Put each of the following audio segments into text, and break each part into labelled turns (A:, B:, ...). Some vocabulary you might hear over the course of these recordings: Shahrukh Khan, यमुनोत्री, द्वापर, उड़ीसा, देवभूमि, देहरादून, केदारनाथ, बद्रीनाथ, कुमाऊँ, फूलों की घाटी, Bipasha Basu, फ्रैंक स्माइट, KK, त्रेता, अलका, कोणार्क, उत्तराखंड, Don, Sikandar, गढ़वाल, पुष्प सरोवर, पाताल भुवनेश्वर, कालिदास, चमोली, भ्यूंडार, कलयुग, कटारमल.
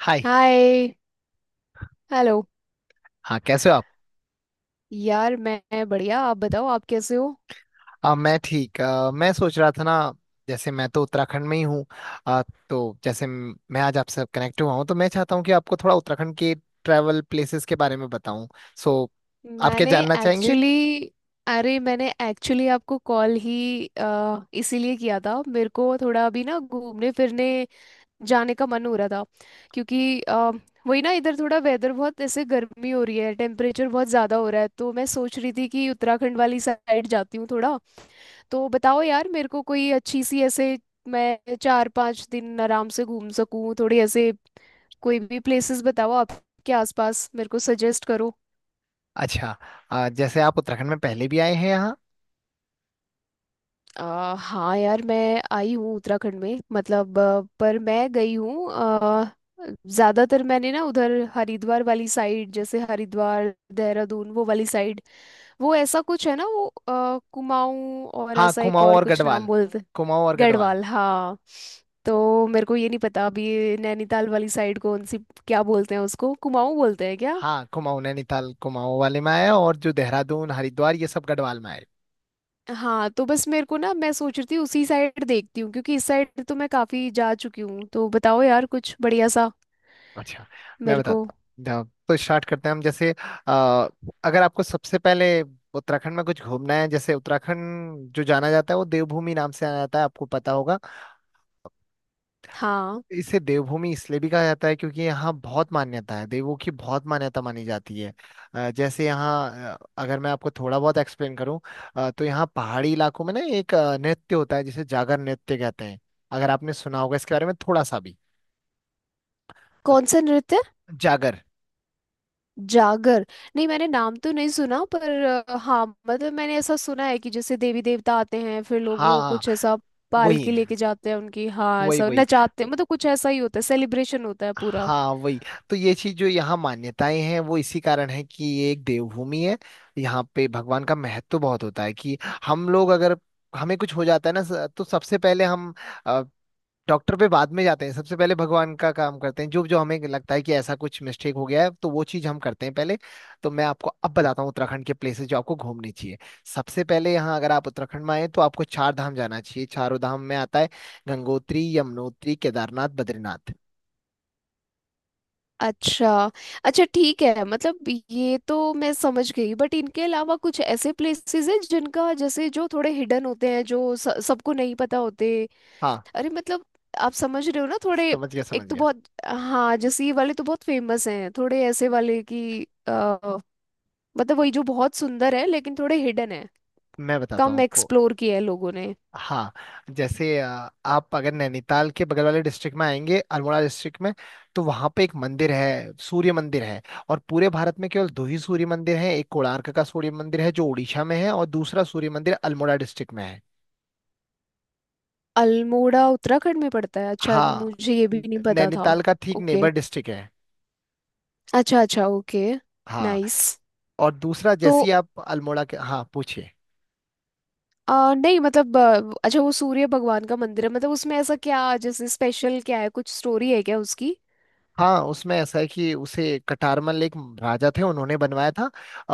A: हाय।
B: Hi. Hello.
A: हाँ कैसे हो आप।
B: यार मैं बढ़िया, आप बताओ, आप कैसे हो?
A: मैं ठीक। मैं सोच रहा था ना, जैसे मैं तो उत्तराखंड में ही हूँ। आ, तो जैसे मैं आज आपसे कनेक्ट हुआ हूँ, तो मैं चाहता हूँ कि आपको थोड़ा उत्तराखंड के ट्रैवल प्लेसेस के बारे में बताऊँ। सो आप क्या
B: मैंने
A: जानना चाहेंगे।
B: एक्चुअली अरे, मैंने एक्चुअली आपको कॉल ही इसीलिए किया था। मेरे को थोड़ा अभी ना घूमने फिरने जाने का मन हो रहा था। क्योंकि वही ना, इधर थोड़ा वेदर बहुत ऐसे गर्मी हो रही है, टेम्परेचर बहुत ज़्यादा हो रहा है, तो मैं सोच रही थी कि उत्तराखंड वाली साइड जाती हूँ थोड़ा। तो बताओ यार, मेरे को कोई अच्छी सी ऐसे, मैं 4-5 दिन आराम से घूम सकूं थोड़ी ऐसे, कोई भी प्लेसेस बताओ आपके आसपास, मेरे को सजेस्ट करो।
A: अच्छा। जैसे आप उत्तराखंड में पहले भी आए हैं यहाँ।
B: हाँ यार, मैं आई हूँ उत्तराखंड में, मतलब पर मैं गई हूँ ज्यादातर। मैंने ना उधर हरिद्वार वाली साइड, जैसे हरिद्वार, देहरादून, वो वाली साइड। वो ऐसा कुछ है ना, वो कुमाऊँ और
A: हाँ
B: ऐसा एक
A: कुमाऊँ
B: और
A: और
B: कुछ नाम
A: गढ़वाल।
B: बोलते।
A: कुमाऊँ और गढ़वाल
B: गढ़वाल, हाँ। तो मेरे को ये नहीं पता अभी, नैनीताल वाली साइड कौन सी? क्या बोलते हैं उसको, कुमाऊँ बोलते हैं क्या?
A: हाँ। कुमाऊँ, नैनीताल कुमाऊँ वाले में आया, और जो देहरादून हरिद्वार ये सब गढ़वाल में आया।
B: हाँ, तो बस मेरे को ना, मैं सोच रही थी उसी साइड देखती हूँ, क्योंकि इस साइड तो मैं काफी जा चुकी हूँ। तो बताओ यार कुछ बढ़िया सा
A: अच्छा, मैं
B: मेरे को।
A: बताता हूँ। जाओ, तो स्टार्ट करते हैं हम। जैसे अ, अगर आपको सबसे पहले उत्तराखंड में कुछ घूमना है, जैसे उत्तराखंड जो जाना जाता है वो देवभूमि नाम से जाना जाता है, आपको पता होगा।
B: हाँ।
A: इसे देवभूमि इसलिए भी कहा जाता है क्योंकि यहाँ बहुत मान्यता है, देवों की बहुत मान्यता मानी जाती है। जैसे यहाँ अगर मैं आपको थोड़ा बहुत एक्सप्लेन करूँ, तो यहाँ पहाड़ी इलाकों में ना एक नृत्य होता है जिसे जागर नृत्य कहते हैं। अगर आपने सुना होगा इसके बारे में थोड़ा सा भी।
B: कौन सा नृत्य?
A: जागर।
B: जागर? नहीं, मैंने नाम तो नहीं सुना, पर हाँ मतलब मैंने ऐसा सुना है कि जैसे देवी देवता आते हैं, फिर लोग
A: हाँ
B: वो
A: हाँ,
B: कुछ ऐसा
A: वही
B: पालकी
A: है।
B: लेके जाते हैं उनकी, हाँ,
A: वही
B: ऐसा
A: वही।
B: नचाते हैं, मतलब कुछ ऐसा ही होता है, सेलिब्रेशन होता है पूरा।
A: हाँ वही। तो ये चीज जो यहाँ मान्यताएं हैं वो इसी कारण है कि ये एक देवभूमि है। यहाँ पे भगवान का महत्व बहुत होता है कि हम लोग अगर हमें कुछ हो जाता है ना, तो सबसे पहले हम अ, डॉक्टर पे बाद में जाते हैं, सबसे पहले भगवान का काम करते हैं। जो जो हमें लगता है कि ऐसा कुछ मिस्टेक हो गया है, तो वो चीज हम करते हैं पहले। तो मैं आपको अब बताता हूँ उत्तराखंड के प्लेसेस जो आपको घूमने चाहिए। सबसे पहले यहाँ अगर आप उत्तराखंड में आए, तो आपको चार धाम जाना चाहिए। चारों धाम में आता है गंगोत्री, यमुनोत्री, केदारनाथ, बद्रीनाथ।
B: अच्छा। अच्छा, ठीक है, मतलब, ये तो मैं समझ गई, बट इनके अलावा कुछ ऐसे प्लेसेस हैं जिनका जैसे जो थोड़े हिडन होते हैं, जो सबको नहीं पता होते।
A: हाँ,
B: अरे मतलब, आप समझ रहे हो ना थोड़े,
A: समझ गया
B: एक
A: समझ
B: तो
A: गया।
B: बहुत, हाँ जैसे ये वाले तो बहुत फेमस हैं, थोड़े ऐसे वाले कि अ, मतलब वही जो बहुत सुंदर है लेकिन थोड़े हिडन है,
A: मैं बताता हूँ
B: कम
A: आपको।
B: एक्सप्लोर किया है लोगों ने।
A: हाँ, जैसे आप अगर नैनीताल के बगल वाले डिस्ट्रिक्ट में आएंगे, अल्मोड़ा डिस्ट्रिक्ट में, तो वहाँ पे एक मंदिर है, सूर्य मंदिर है। और पूरे भारत में केवल दो ही सूर्य मंदिर हैं। एक कोणार्क का सूर्य मंदिर है जो उड़ीसा में है, और दूसरा सूर्य मंदिर अल्मोड़ा डिस्ट्रिक्ट में है।
B: अल्मोड़ा उत्तराखंड में पड़ता है? अच्छा,
A: हाँ,
B: मुझे ये भी नहीं पता था।
A: नैनीताल का ठीक
B: ओके।
A: नेबर डिस्ट्रिक्ट है।
B: अच्छा, अच्छा, ओके।
A: हाँ,
B: नाइस।
A: और दूसरा जैसे ही आप अल्मोड़ा के। हाँ पूछिए।
B: नहीं मतलब अच्छा, वो सूर्य भगवान का मंदिर है, मतलब उसमें ऐसा क्या, जैसे स्पेशल क्या है, कुछ स्टोरी है क्या उसकी?
A: हाँ, उसमें ऐसा है कि उसे कटारमल एक राजा थे, उन्होंने बनवाया था।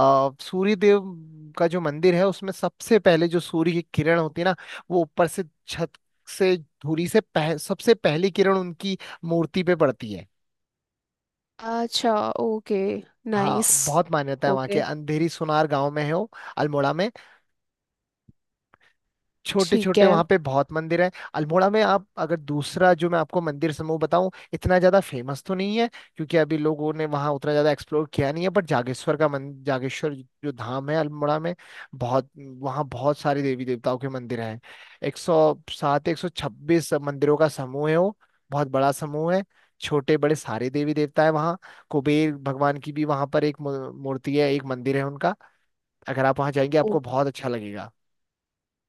A: सूर्य देव का जो मंदिर है, उसमें सबसे पहले जो सूर्य की किरण होती है ना, वो ऊपर से छत से धूरी से सबसे पहली किरण उनकी मूर्ति पे पड़ती है।
B: अच्छा। ओके।
A: हाँ,
B: नाइस।
A: बहुत मान्यता है वहाँ के।
B: ओके,
A: अंधेरी सुनार गांव में है वो, अल्मोड़ा में। छोटे
B: ठीक
A: छोटे
B: है।
A: वहां पे बहुत मंदिर हैं अल्मोड़ा में। आप अगर, दूसरा जो मैं आपको मंदिर समूह बताऊं, इतना ज्यादा फेमस तो नहीं है क्योंकि अभी लोगों ने वहां उतना ज्यादा एक्सप्लोर किया नहीं है, बट जागेश्वर का मन जागेश्वर जो धाम है अल्मोड़ा में, बहुत, वहाँ बहुत सारे देवी देवताओं के मंदिर हैं। एक सौ 126 मंदिरों का समूह है वो। बहुत बड़ा समूह है। छोटे बड़े सारे देवी देवता है वहाँ। कुबेर भगवान की भी वहां पर एक मूर्ति है, एक मंदिर है उनका। अगर आप वहां जाएंगे
B: ओ,
A: आपको बहुत अच्छा लगेगा।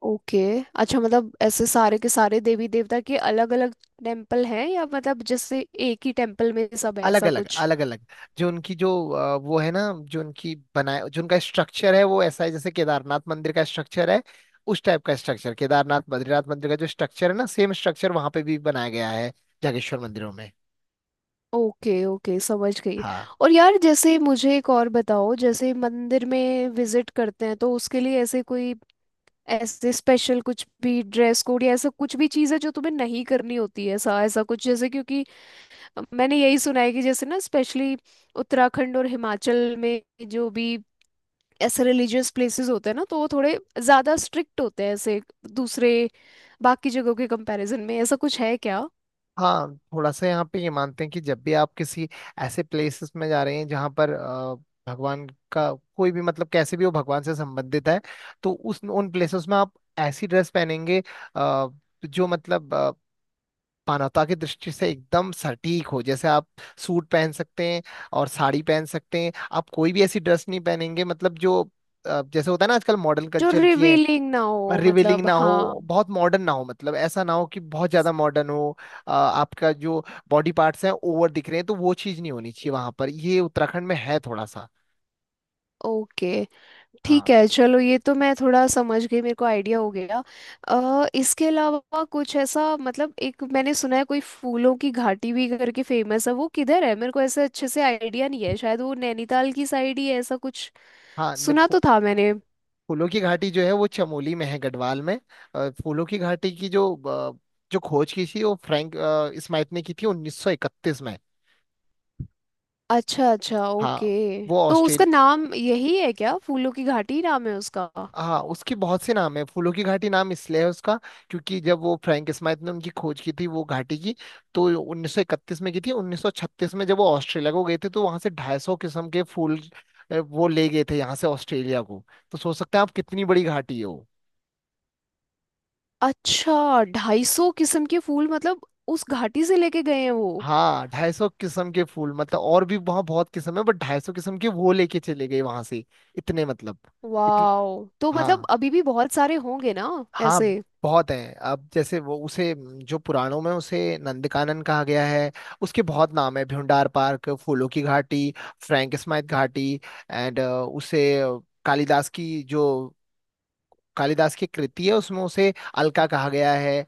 B: ओके। अच्छा, मतलब ऐसे सारे के सारे देवी देवता के अलग अलग टेम्पल हैं, या मतलब जैसे एक ही टेम्पल में सब है,
A: अलग
B: ऐसा
A: अलग,
B: कुछ?
A: अलग अलग। जो उनकी जो वो है ना, जो उनकी बनाए, जो उनका स्ट्रक्चर है वो ऐसा है जैसे केदारनाथ मंदिर का स्ट्रक्चर है। उस टाइप का स्ट्रक्चर, केदारनाथ बद्रीनाथ मंदिर का जो स्ट्रक्चर है ना, सेम स्ट्रक्चर वहां पे भी बनाया गया है, जागेश्वर मंदिरों में।
B: ओके, ओके, समझ गई।
A: हाँ।
B: और यार जैसे मुझे एक और बताओ, जैसे मंदिर में विजिट करते हैं तो उसके लिए ऐसे कोई ऐसे स्पेशल कुछ भी ड्रेस कोड या ऐसा कुछ भी चीज़ है जो तुम्हें नहीं करनी होती है, ऐसा ऐसा कुछ जैसे, क्योंकि मैंने यही सुना है कि जैसे ना स्पेशली उत्तराखंड और हिमाचल में जो भी ऐसे रिलीजियस प्लेसेस होते हैं ना, तो वो थोड़े ज़्यादा स्ट्रिक्ट होते हैं ऐसे, दूसरे बाकी जगहों के कंपैरिजन में, ऐसा कुछ है क्या?
A: हाँ थोड़ा सा यहाँ पे ये मानते हैं कि जब भी आप किसी ऐसे प्लेसेस में जा रहे हैं जहाँ पर भगवान का कोई भी, मतलब कैसे भी वो भगवान से संबंधित है, तो उस, उन प्लेसेस में आप ऐसी ड्रेस पहनेंगे अ, जो मतलब मानवता की दृष्टि से एकदम सटीक हो। जैसे आप सूट पहन सकते हैं और साड़ी पहन सकते हैं। आप कोई भी ऐसी ड्रेस नहीं पहनेंगे, मतलब जो जैसे होता है ना आजकल मॉडर्न
B: जो
A: कल्चर की है,
B: रिवीलिंग ना हो,
A: रिवीलिंग
B: मतलब,
A: ना
B: हाँ।
A: हो, बहुत मॉडर्न ना हो। मतलब ऐसा ना हो कि बहुत ज्यादा मॉडर्न हो। आपका जो बॉडी पार्ट्स हैं ओवर दिख रहे हैं, तो वो चीज नहीं होनी चाहिए वहां पर। ये उत्तराखंड में है थोड़ा सा।
B: ओके, ठीक
A: हाँ।
B: है, चलो, ये तो मैं थोड़ा समझ गई, मेरे को आइडिया हो गया। इसके अलावा कुछ ऐसा, मतलब एक मैंने सुना है कोई फूलों की घाटी भी करके फेमस है, वो किधर है मेरे को ऐसे अच्छे से आइडिया नहीं है, शायद वो नैनीताल की साइड ही है, ऐसा कुछ
A: हाँ,
B: सुना तो था मैंने।
A: फूलों की घाटी जो है वो चमोली में है, गढ़वाल में। फूलों की घाटी की जो जो खोज की थी वो फ्रैंक स्माइट ने की थी 1931 में।
B: अच्छा, अच्छा,
A: हाँ,
B: ओके।
A: वो
B: तो
A: ऑस्ट्रेल।
B: उसका नाम यही है क्या, फूलों की घाटी ही नाम है उसका?
A: हाँ, उसके बहुत से नाम है। फूलों की घाटी नाम इसलिए है उसका क्योंकि जब वो फ्रैंक स्माइट ने उनकी खोज की थी, वो घाटी की, तो 1931 में की थी। 1936 में जब वो ऑस्ट्रेलिया को गए थे, तो वहां से 250 किस्म के फूल वो ले गए थे यहाँ से ऑस्ट्रेलिया को। तो सोच सकते हैं आप कितनी बड़ी घाटी है वो।
B: अच्छा, 250 किस्म के फूल मतलब उस घाटी से लेके गए हैं वो?
A: हाँ, ढाई सौ किस्म के फूल। मतलब और भी वहाँ बहुत किस्म है बट ढाई सौ किस्म के वो लेके चले गए वहां से। इतने, मतलब इतने।
B: वाओ, तो मतलब
A: हाँ।
B: अभी भी बहुत सारे होंगे ना
A: हाँ
B: ऐसे?
A: बहुत है। अब जैसे वो उसे, जो पुराणों में उसे नंदकानन कहा गया है। उसके बहुत नाम है, भ्यूंडार पार्क, फूलों की घाटी, फ्रैंक स्माइथ घाटी, एंड उसे कालिदास की जो, कालिदास की कृति है उसमें उसे अलका कहा गया है।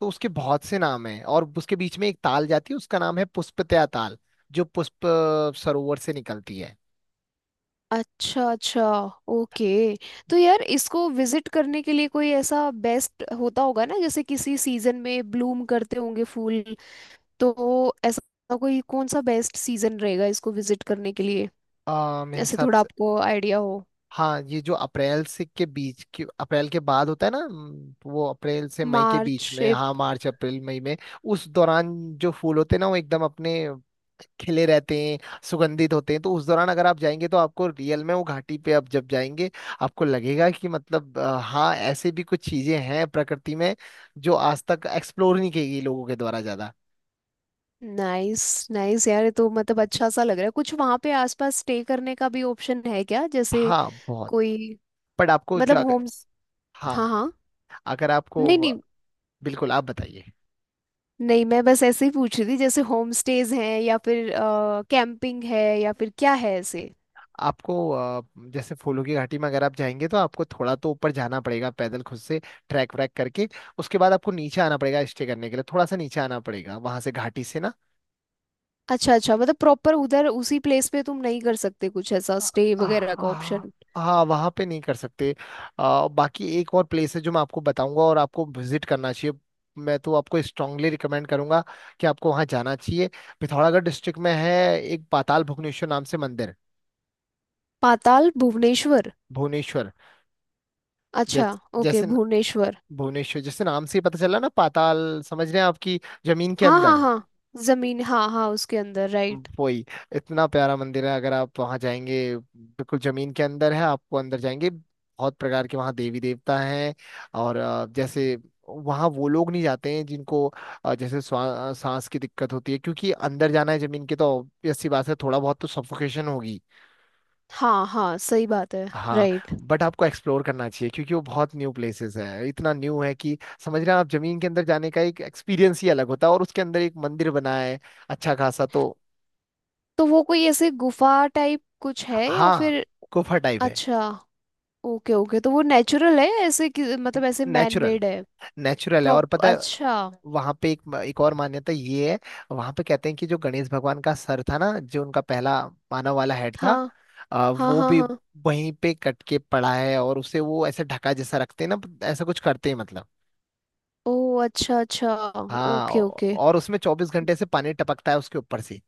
A: तो उसके बहुत से नाम हैं। और उसके बीच में एक ताल जाती है, उसका नाम है पुष्पतया ताल, जो पुष्प सरोवर से निकलती है।
B: अच्छा, अच्छा, ओके। तो यार इसको विजिट करने के लिए कोई ऐसा बेस्ट होता होगा ना, जैसे किसी सीजन में ब्लूम करते होंगे फूल, तो ऐसा कोई कौन सा बेस्ट सीजन रहेगा इसको विजिट करने के लिए,
A: मेरे
B: ऐसे
A: हिसाब।
B: थोड़ा आपको आइडिया हो?
A: हाँ ये जो अप्रैल से के बीच के, अप्रैल के बाद होता है ना, वो अप्रैल से मई के बीच
B: मार्च
A: में। हाँ मार्च अप्रैल मई में। उस दौरान जो फूल होते हैं ना, वो एकदम अपने खिले रहते हैं, सुगंधित होते हैं। तो उस दौरान अगर आप जाएंगे, तो आपको रियल में वो घाटी पे आप जब जाएंगे, आपको लगेगा कि मतलब हाँ ऐसे भी कुछ चीजें हैं प्रकृति में जो आज तक एक्सप्लोर नहीं की गई लोगों के द्वारा ज्यादा।
B: नाइस, नाइस यार, ये तो मतलब अच्छा सा लग रहा है, कुछ वहाँ पे आसपास स्टे करने का भी ऑप्शन है क्या जैसे,
A: हाँ बहुत।
B: कोई,
A: बट आपको जो
B: मतलब
A: अगर।
B: होम्स,
A: हाँ,
B: हाँ, हाँ,
A: अगर आपको।
B: नहीं, नहीं।
A: बिल्कुल आप बताइए।
B: नहीं, मैं बस ऐसे ही पूछ रही थी, जैसे होम स्टेज हैं या फिर कैंपिंग है या फिर क्या है ऐसे?
A: आपको जैसे फूलों की घाटी में अगर आप जाएंगे तो आपको थोड़ा तो ऊपर जाना पड़ेगा, पैदल खुद से, ट्रैक व्रैक करके। उसके बाद आपको नीचे आना पड़ेगा स्टे करने के लिए, थोड़ा सा नीचे आना पड़ेगा वहां से घाटी से ना।
B: अच्छा, अच्छा, मतलब प्रॉपर उधर उसी प्लेस पे तुम नहीं कर सकते कुछ ऐसा स्टे वगैरह का
A: हाँ।
B: ऑप्शन?
A: हाँ वहाँ पे नहीं कर सकते। बाकी एक और प्लेस है जो मैं आपको बताऊंगा और आपको विजिट करना चाहिए। मैं तो आपको स्ट्रांगली रिकमेंड करूंगा कि आपको वहाँ जाना चाहिए। पिथौरागढ़ डिस्ट्रिक्ट में है एक, पाताल भुवनेश्वर नाम से मंदिर।
B: पाताल भुवनेश्वर।
A: भुवनेश्वर।
B: अच्छा, ओके,
A: जैसे
B: भुवनेश्वर।
A: भुवनेश्वर, जैसे नाम से ही पता चला ना, पाताल समझ रहे हैं आपकी, जमीन के
B: हाँ, हाँ,
A: अंदर।
B: हाँ, जमीन, हाँ, हाँ, उसके अंदर, राइट।
A: वही। इतना प्यारा मंदिर है, अगर आप वहां जाएंगे। बिल्कुल जमीन के अंदर है। आपको अंदर जाएंगे, बहुत प्रकार के वहाँ देवी देवता हैं। और जैसे वहाँ वो लोग नहीं जाते हैं जिनको जैसे सांस की दिक्कत होती है, क्योंकि अंदर जाना है जमीन के, तो obvious सी बात है थोड़ा बहुत तो सफोकेशन होगी।
B: हाँ, हाँ, सही बात है।
A: हाँ।
B: राइट।
A: बट आपको एक्सप्लोर करना चाहिए क्योंकि वो बहुत न्यू प्लेसेस है। इतना न्यू है कि, समझ रहे हैं आप, जमीन के अंदर जाने का एक एक्सपीरियंस ही अलग होता है और उसके अंदर एक मंदिर बना है अच्छा खासा। तो
B: तो वो कोई ऐसे गुफा टाइप कुछ है या
A: हाँ
B: फिर?
A: गुफा टाइप है।
B: अच्छा, ओके, ओके। तो वो नेचुरल है ऐसे कि मतलब ऐसे मैन
A: नेचुरल,
B: मेड है?
A: नेचुरल है।
B: प्रॉप
A: और पता है
B: अच्छा।
A: वहां पे एक, एक और मान्यता ये है। वहां पे कहते हैं कि जो गणेश भगवान का सर था ना, जो उनका पहला मानव वाला हेड था,
B: हाँ, हाँ,
A: वो
B: हाँ,
A: भी
B: हाँ।
A: वहीं पे कट के पड़ा है, और उसे वो ऐसे ढका जैसा रखते हैं ना, ऐसा कुछ करते हैं मतलब।
B: ओ, अच्छा, अच्छा।
A: हाँ,
B: ओके, ओके।
A: और उसमें 24 घंटे से पानी टपकता है उसके ऊपर से।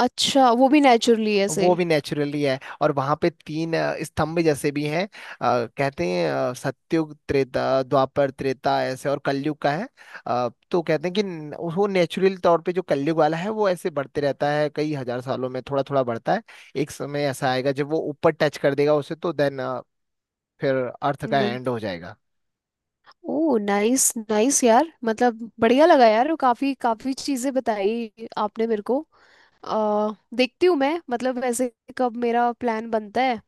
B: अच्छा, वो भी नेचुरली ऐसे?
A: वो भी नेचुरली है। और वहां पे तीन स्तंभ जैसे भी हैं। कहते हैं सत्युग, त्रेता, द्वापर, त्रेता ऐसे, और कलयुग का है। तो कहते हैं कि वो नेचुरल तौर पे जो कलयुग वाला है वो ऐसे बढ़ते रहता है, कई हजार सालों में थोड़ा थोड़ा बढ़ता है। एक समय ऐसा आएगा जब वो ऊपर टच कर देगा उसे, तो देन, फिर अर्थ का
B: न-
A: एंड हो जाएगा।
B: ओ, नाइस, नाइस यार, मतलब बढ़िया लगा यार, काफी काफी चीजें बताई आपने मेरे को। आ, देखती हूँ मैं, मतलब वैसे कब मेरा प्लान बनता है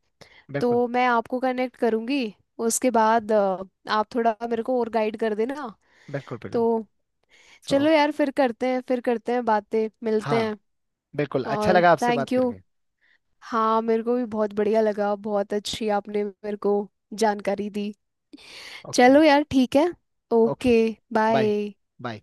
A: बिल्कुल
B: तो मैं आपको कनेक्ट करूंगी, उसके बाद आप थोड़ा मेरे को और गाइड कर देना,
A: बिल्कुल बिल्कुल।
B: तो
A: सो
B: चलो यार, फिर करते हैं, फिर करते हैं बातें, मिलते
A: हाँ,
B: हैं।
A: बिल्कुल अच्छा
B: और
A: लगा आपसे बात
B: थैंक यू।
A: करके।
B: हाँ, मेरे को भी बहुत बढ़िया लगा, बहुत अच्छी आपने मेरे को जानकारी दी।
A: ओके।
B: चलो यार, ठीक है।
A: Okay.
B: Okay.
A: Bye.
B: Bye.
A: Bye.